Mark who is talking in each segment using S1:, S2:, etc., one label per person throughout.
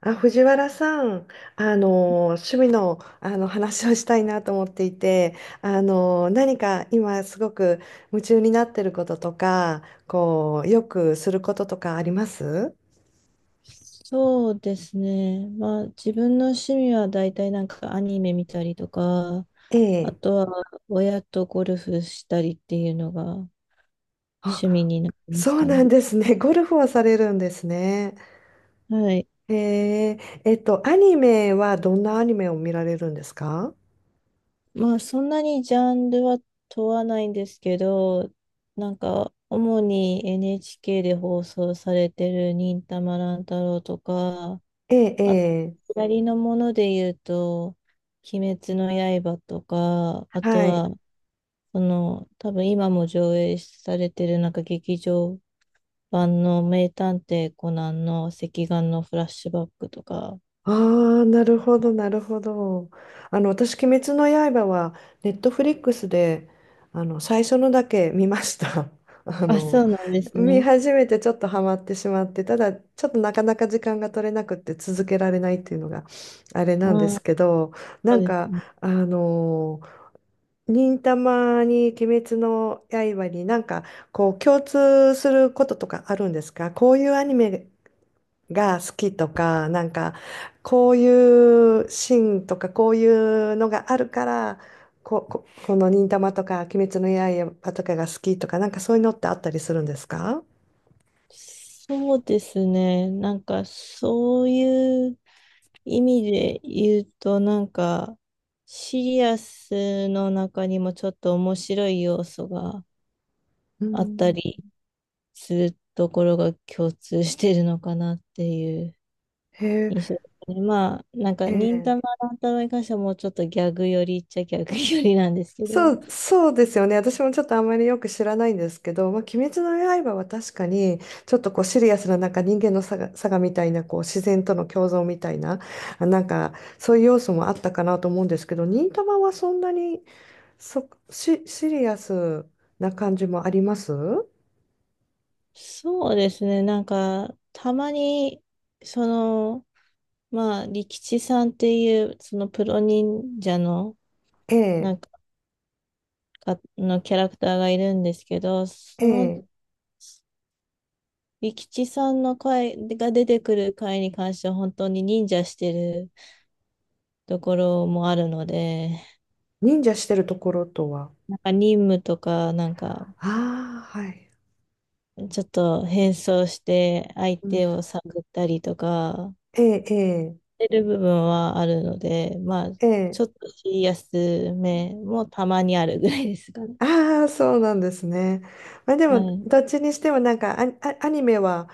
S1: あ、藤原さん、趣味の、話をしたいなと思っていて、何か今すごく夢中になってることとか、こう、よくすることとかあります？
S2: そうですね。まあ自分の趣味は大体アニメ見たりとか、
S1: え
S2: あ
S1: え。
S2: とは親とゴルフしたりっていうのが趣味
S1: あ、
S2: になります
S1: そう
S2: か
S1: な
S2: ね。
S1: んですね。ゴルフをされるんですね。
S2: はい。
S1: ええ、アニメはどんなアニメを見られるんですか？
S2: まあそんなにジャンルは問わないんですけど、主に NHK で放送されてる忍たま乱太郎とか、
S1: ええ、え
S2: あと、
S1: え。
S2: 左のもので言うと、鬼滅の刃とか、あと
S1: はい。
S2: は多分今も上映されてるなんか劇場版の名探偵コナンの赤眼のフラッシュバックとか。
S1: ああ、なるほど、なるほど。私、鬼滅の刃は、ネットフリックスで、最初のだけ見ました。あ
S2: あ、そ
S1: の、
S2: うなんです
S1: 見
S2: ね。
S1: 始めてちょっとハマってしまって、ただ、ちょっとなかなか時間が取れなくって続けられないっていうのが、あれなんで
S2: うん、
S1: すけど、
S2: そ
S1: な
S2: う
S1: ん
S2: です
S1: か、
S2: ね。
S1: あの、忍たまに鬼滅の刃になんか、こう、共通することとかあるんですか？こういうアニメが好きとか、なんか、こういうシーンとか、こういうのがあるから、この忍たまとか、鬼滅の刃とかが好きとか、なんかそういうのってあったりするんですか？
S2: そうですね。なんかそういう意味で言うと、なんかシリアスの中にもちょっと面白い要素が
S1: う
S2: あった
S1: ん。
S2: りするところが共通してるのかなっていう
S1: へえ。
S2: 印象ですね。まあ、なんか、忍
S1: え
S2: たま
S1: え。
S2: 乱太郎に関してはもうちょっとギャグ寄りっちゃギャグ寄りなんですけ
S1: そ
S2: ど、
S1: う、そうですよね。私もちょっとあんまりよく知らないんですけど、まあ、鬼滅の刃は確かに、ちょっとこうシリアスな、なんか人間のさがみたいな、こう自然との共存みたいな、なんかそういう要素もあったかなと思うんですけど、忍たまはそんなにシリアスな感じもあります？
S2: そうですね、なんか、たまに、その、利吉さんっていう、そのプロ忍者の、
S1: え
S2: な
S1: え、
S2: んか、のキャラクターがいるんですけど、
S1: ええ。
S2: 利吉さんの回が出てくる回に関しては、本当に忍者してるところもあるので、
S1: 忍者してるところとは？
S2: なんか任務とか、
S1: ああ、はい。
S2: ちょっと変装して相
S1: うん、
S2: 手を探ったりとか、
S1: ええ、え
S2: してる部分はあるので、まあ、
S1: え、え
S2: ち
S1: え。
S2: ょっとシリアスめもたまにあるぐらいですかね。
S1: ああ、そうなんですね。まあで
S2: は
S1: も、
S2: い。
S1: どっちにしてもなんかアニメは、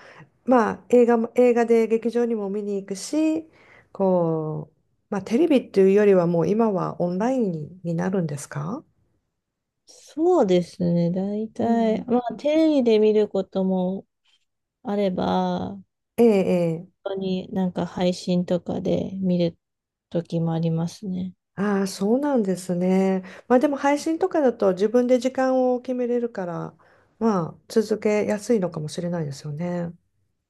S1: 映画で劇場にも見に行くし、こう、まあテレビっていうよりはもう今はオンラインに、なるんですか？
S2: そうですね。大
S1: う
S2: 体、
S1: ん。
S2: まあ、テレビで見ることもあれば、
S1: え、ええ。
S2: 本当になんか配信とかで見る時もありますね。
S1: ああ、そうなんですね。まあでも配信とかだと自分で時間を決めれるから、まあ続けやすいのかもしれないですよね。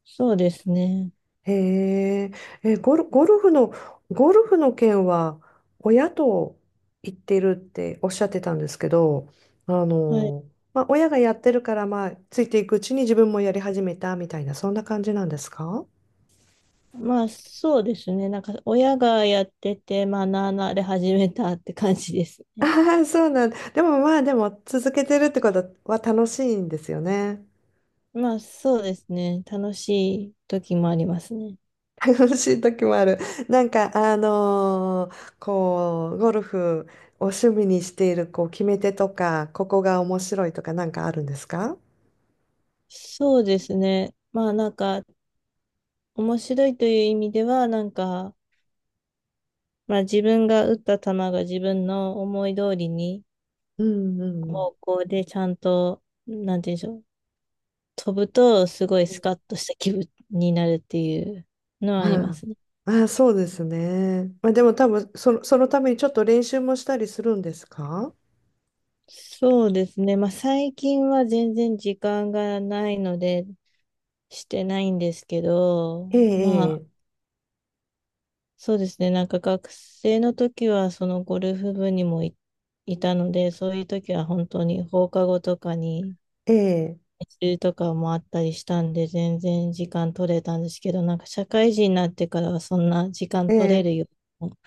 S2: そうですね。
S1: へえ。え、ゴルフの件は親と行ってるっておっしゃってたんですけど、あ
S2: はい。
S1: の、まあ親がやってるからまあついていくうちに自分もやり始めたみたいな、そんな感じなんですか？
S2: まあ、そうですね。なんか、親がやってて学んで始めたって感じです
S1: あ
S2: ね。
S1: あそうなんでもまあでも続けてるってことは楽しいんですよね。
S2: まあそうですね。楽しい時もありますね。
S1: 楽しい時もある。なんか、こう、ゴルフを趣味にしている、こう、決め手とか、ここが面白いとか、なんかあるんですか？
S2: そうですね。まあなんか面白いという意味ではなんか、まあ自分が打った球が自分の思い通りに
S1: うんうん
S2: 方向でちゃんと、なんて言うんでしょう。飛ぶとすごい
S1: う
S2: ス
S1: ん。
S2: カッとした気分になるっていうのはあり
S1: ま
S2: ま
S1: あ、
S2: すね。
S1: ああ、そうですね。まあ、でも多分、そのためにちょっと練習もしたりするんですか？
S2: そうですね。まあ最近は全然時間がないのでしてないんですけど、
S1: え
S2: まあ
S1: え、
S2: そうですね。なんか学生の時はそのゴルフ部にいたので、そういう時は本当に放課後とかに
S1: ええ、
S2: 練習とかもあったりしたんで、全然時間取れたんですけど、なんか社会人になってからはそんな時間
S1: え
S2: 取れ
S1: え。
S2: る
S1: ええ。
S2: ようも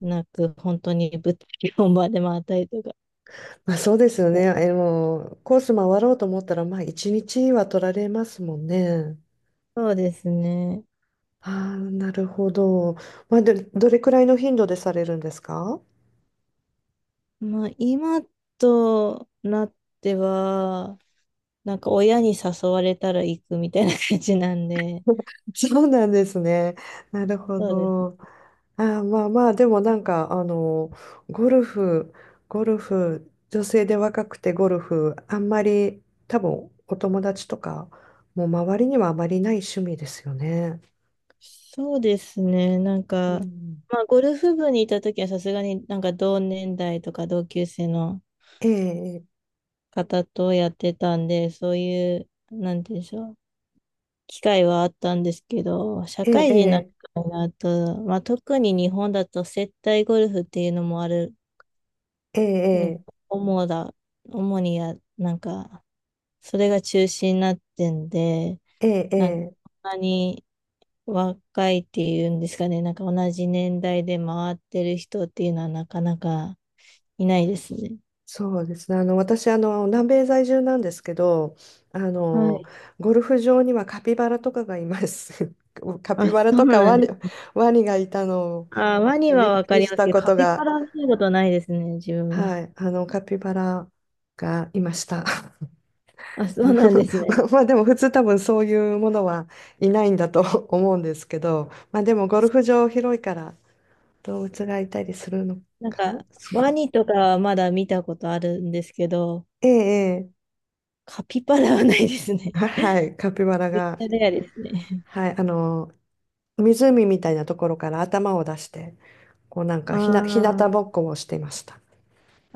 S2: なく、本当に物理本番で回ったりとか。
S1: まあ、そうですよね。え、もう、コース回ろうと思ったら、まあ、一日は取られますもんね。
S2: そうですね。
S1: ああ、なるほど。まあ、で、どれくらいの頻度でされるんですか？
S2: まあ今となっては、なんか親に誘われたら行くみたいな感じなんで、
S1: そうなんですね。なるほ
S2: そうです
S1: ど。ああ、まあまあ、でもなんか、ゴルフ、ゴルフ、女性で若くてゴルフ、あんまり、多分、お友達とか、もう周りにはあまりない趣味ですよね。
S2: そうですね。なん
S1: う
S2: か、
S1: ん。
S2: まあ、ゴルフ部にいた時はさすがになんか同年代とか同級生の
S1: ええ、
S2: 方とやってたんで、そういう、なんて言うんでしょう、機会はあったんですけど、社
S1: え
S2: 会人になって
S1: え、
S2: からになると、まあ、特に日本だと接待ゴルフっていうのもある、
S1: ええ、
S2: ね、
S1: ええ、
S2: 主だ、主にや、それが中心になってんで、
S1: ええ、え
S2: なんか、
S1: え。
S2: そんなに若いっていうんですかね、なんか同じ年代で回ってる人っていうのはなかなかいないですね。
S1: そうですね。私、南米在住なんですけど、あ
S2: は
S1: の、
S2: い。
S1: ゴルフ場にはカピバラとかがいます。カピ
S2: あ、
S1: バ
S2: そ
S1: ラ
S2: う
S1: とか
S2: な
S1: ワ
S2: んで
S1: ニ、
S2: す。
S1: ワニがいたのを
S2: あ、ワニ
S1: び
S2: は
S1: っ
S2: わ
S1: く
S2: か
S1: り
S2: り
S1: し
S2: ます
S1: た
S2: けど、
S1: こ
S2: カ
S1: と
S2: ピバ
S1: が、
S2: ラは見たことないですね、自分
S1: は
S2: は。
S1: い、カピバラがいました。
S2: あ、そうなんです
S1: ま
S2: ね。
S1: まあでも普通多分そういうものはいないんだと 思うんですけど、まあでもゴルフ場広いから動物がいたりするの
S2: なん
S1: か
S2: か、
S1: な。
S2: ワ ニとかはまだ見たことあるんですけど、
S1: ええ、ええ。
S2: カピバラはないですね。
S1: はい、カピバラ が、
S2: レアですね。
S1: はい、湖みたいなところから頭を出して、こうなんか
S2: あ
S1: ひな、ひなた
S2: ー、
S1: ぼっこをしていました。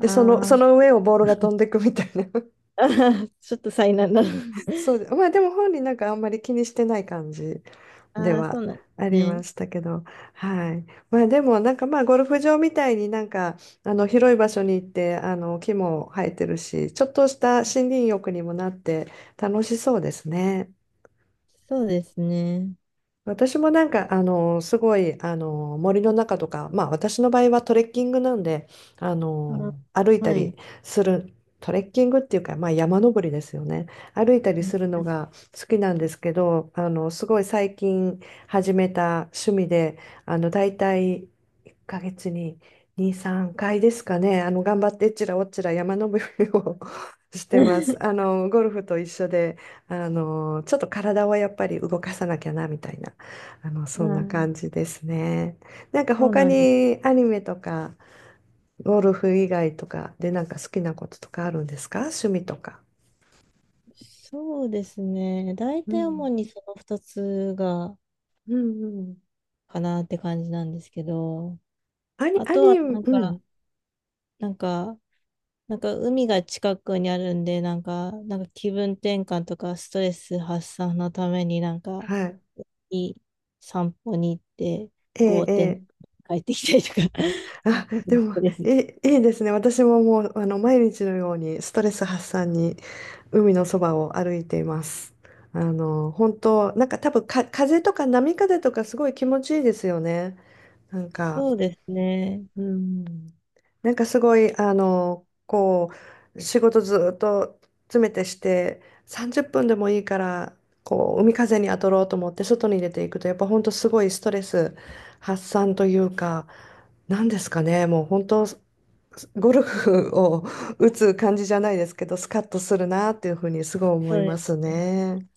S1: で、そ
S2: ー、
S1: の上をボールが飛んでいくみたいな。
S2: あー、ちょっと災難だ。
S1: そうで、まあでも本人なんかあんまり気にしてない感じで
S2: ああ、そ
S1: は
S2: うなんです
S1: あり
S2: ね。
S1: ましたけど、はい。まあでもなんかまあゴルフ場みたいになんかあの広い場所に行ってあの木も生えてるし、ちょっとした森林浴にもなって楽しそうですね。
S2: そうですね。
S1: 私もなんか、すごい、森の中とか、まあ私の場合はトレッキングなんで、
S2: あ、
S1: 歩いた
S2: は
S1: り
S2: い。
S1: する、トレッキングっていうか、まあ山登りですよね。歩いたりするのが好きなんですけど、すごい最近始めた趣味で、大体1ヶ月に2、3回ですかね、頑張ってえっちらおっちら山登りを してます。ゴルフと一緒で、ちょっと体をやっぱり動かさなきゃな、みたいな。
S2: う
S1: そんな感
S2: ん、
S1: じですね。なんか
S2: そう
S1: 他
S2: なんです。
S1: にアニメとか、ゴルフ以外とかでなんか好きなこととかあるんですか？趣味とか。
S2: そうですね。大
S1: う
S2: 体主
S1: ん。
S2: にその2つが、
S1: うんうん。
S2: かなって感じなんですけど、
S1: アニ、
S2: あ
S1: ア
S2: とは
S1: ニ、
S2: なん
S1: う
S2: か、
S1: ん。
S2: なんか、なんか海が近くにあるんで、なんか気分転換とかストレス発散のためになんか、
S1: はい。
S2: いい散歩に行って、
S1: え
S2: ぼ
S1: え、
S2: ーっ
S1: え
S2: てなんか
S1: え。
S2: 帰ってきたりとか、
S1: あ、
S2: なんか
S1: でも、
S2: です。
S1: え、いいですね。私ももう、毎日のようにストレス発散に海のそばを歩いています。本当なんか多分か、風とか波風とかすごい気持ちいいですよね。なんか。
S2: そうですね。
S1: うん、なんかすごい、こう、仕事ずっと詰めてして、30分でもいいから、こう、海風に当たろうと思って外に出ていくと、やっぱ本当すごいストレス発散というか、なんですかね、もう本当、ゴルフを打つ感じじゃないですけど、スカッとするなっていうふうにすごい思
S2: そ
S1: い
S2: う
S1: ま
S2: で
S1: す
S2: す
S1: ね。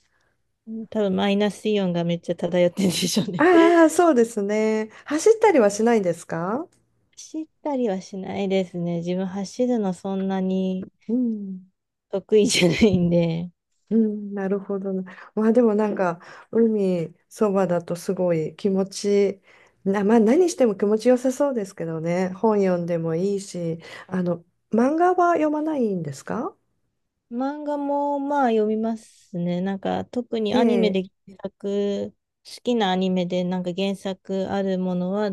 S2: ね。多分マイナスイオンがめっちゃ漂ってるんでしょうね。
S1: ああ、そうですね。走ったりはしないんですか？
S2: 走ったりはしないですね。自分走るのそんなに
S1: うん。
S2: 得意じゃないんで。
S1: うん、なるほどな。まあでもなんか、海そばだとすごい気持ち、まあ何しても気持ちよさそうですけどね。本読んでもいいし、あの、漫画は読まないんですか？
S2: 漫画もまあ読みますね。なんか特に
S1: え
S2: アニメ
S1: え。
S2: で原作、好きなアニメでなんか原作あるものは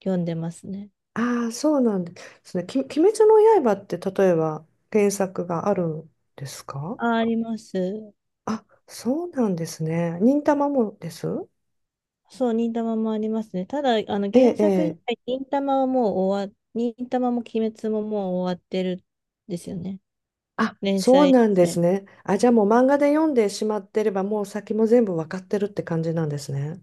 S2: 読んでますね。
S1: ああ、そうなんですね。鬼滅の刃って例えば原作があるんですか？
S2: あ、あります。
S1: あ、そうなんですね。忍たまもです？
S2: そう、忍たまもありますね。ただ、あの
S1: ええ、
S2: 原
S1: え
S2: 作自
S1: え。
S2: 体、忍たまも鬼滅ももう終わってるんですよね。
S1: あ、
S2: 連
S1: そう
S2: 載
S1: なん
S2: し
S1: です
S2: て。
S1: ね。あ、じゃあもう漫画で読んでしまってれば、もう先も全部わかってるって感じなんですね。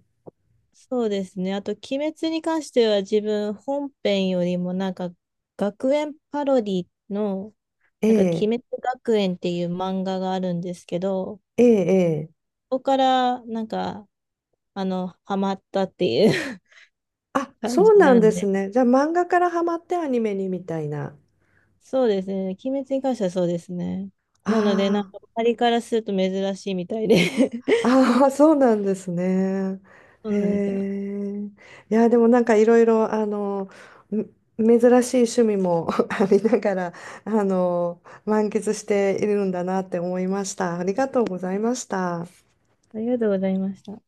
S2: そうですね。あと、鬼滅に関しては自分本編よりもなんか学園パロディの
S1: え
S2: なんか鬼
S1: え、
S2: 滅学園っていう漫画があるんですけど、
S1: ええ、ええ。
S2: そこからなんかあの、ハマったっていう
S1: あ、
S2: 感
S1: そ
S2: じ
S1: うな
S2: な
S1: ん
S2: ん
S1: です
S2: で。
S1: ね。じゃあ漫画からハマってアニメにみたいな。
S2: そうですね。鬼滅に関してはそうですね。なので、な
S1: あ
S2: んか周りからすると珍しいみたいで
S1: あ、ああ、そうなんですね。
S2: そう
S1: へ
S2: なんですよ。
S1: え。いや、でもなんかいろいろ、め珍しい趣味も ありながら、満喫しているんだなって思いました。ありがとうございました。
S2: ありがとうございました。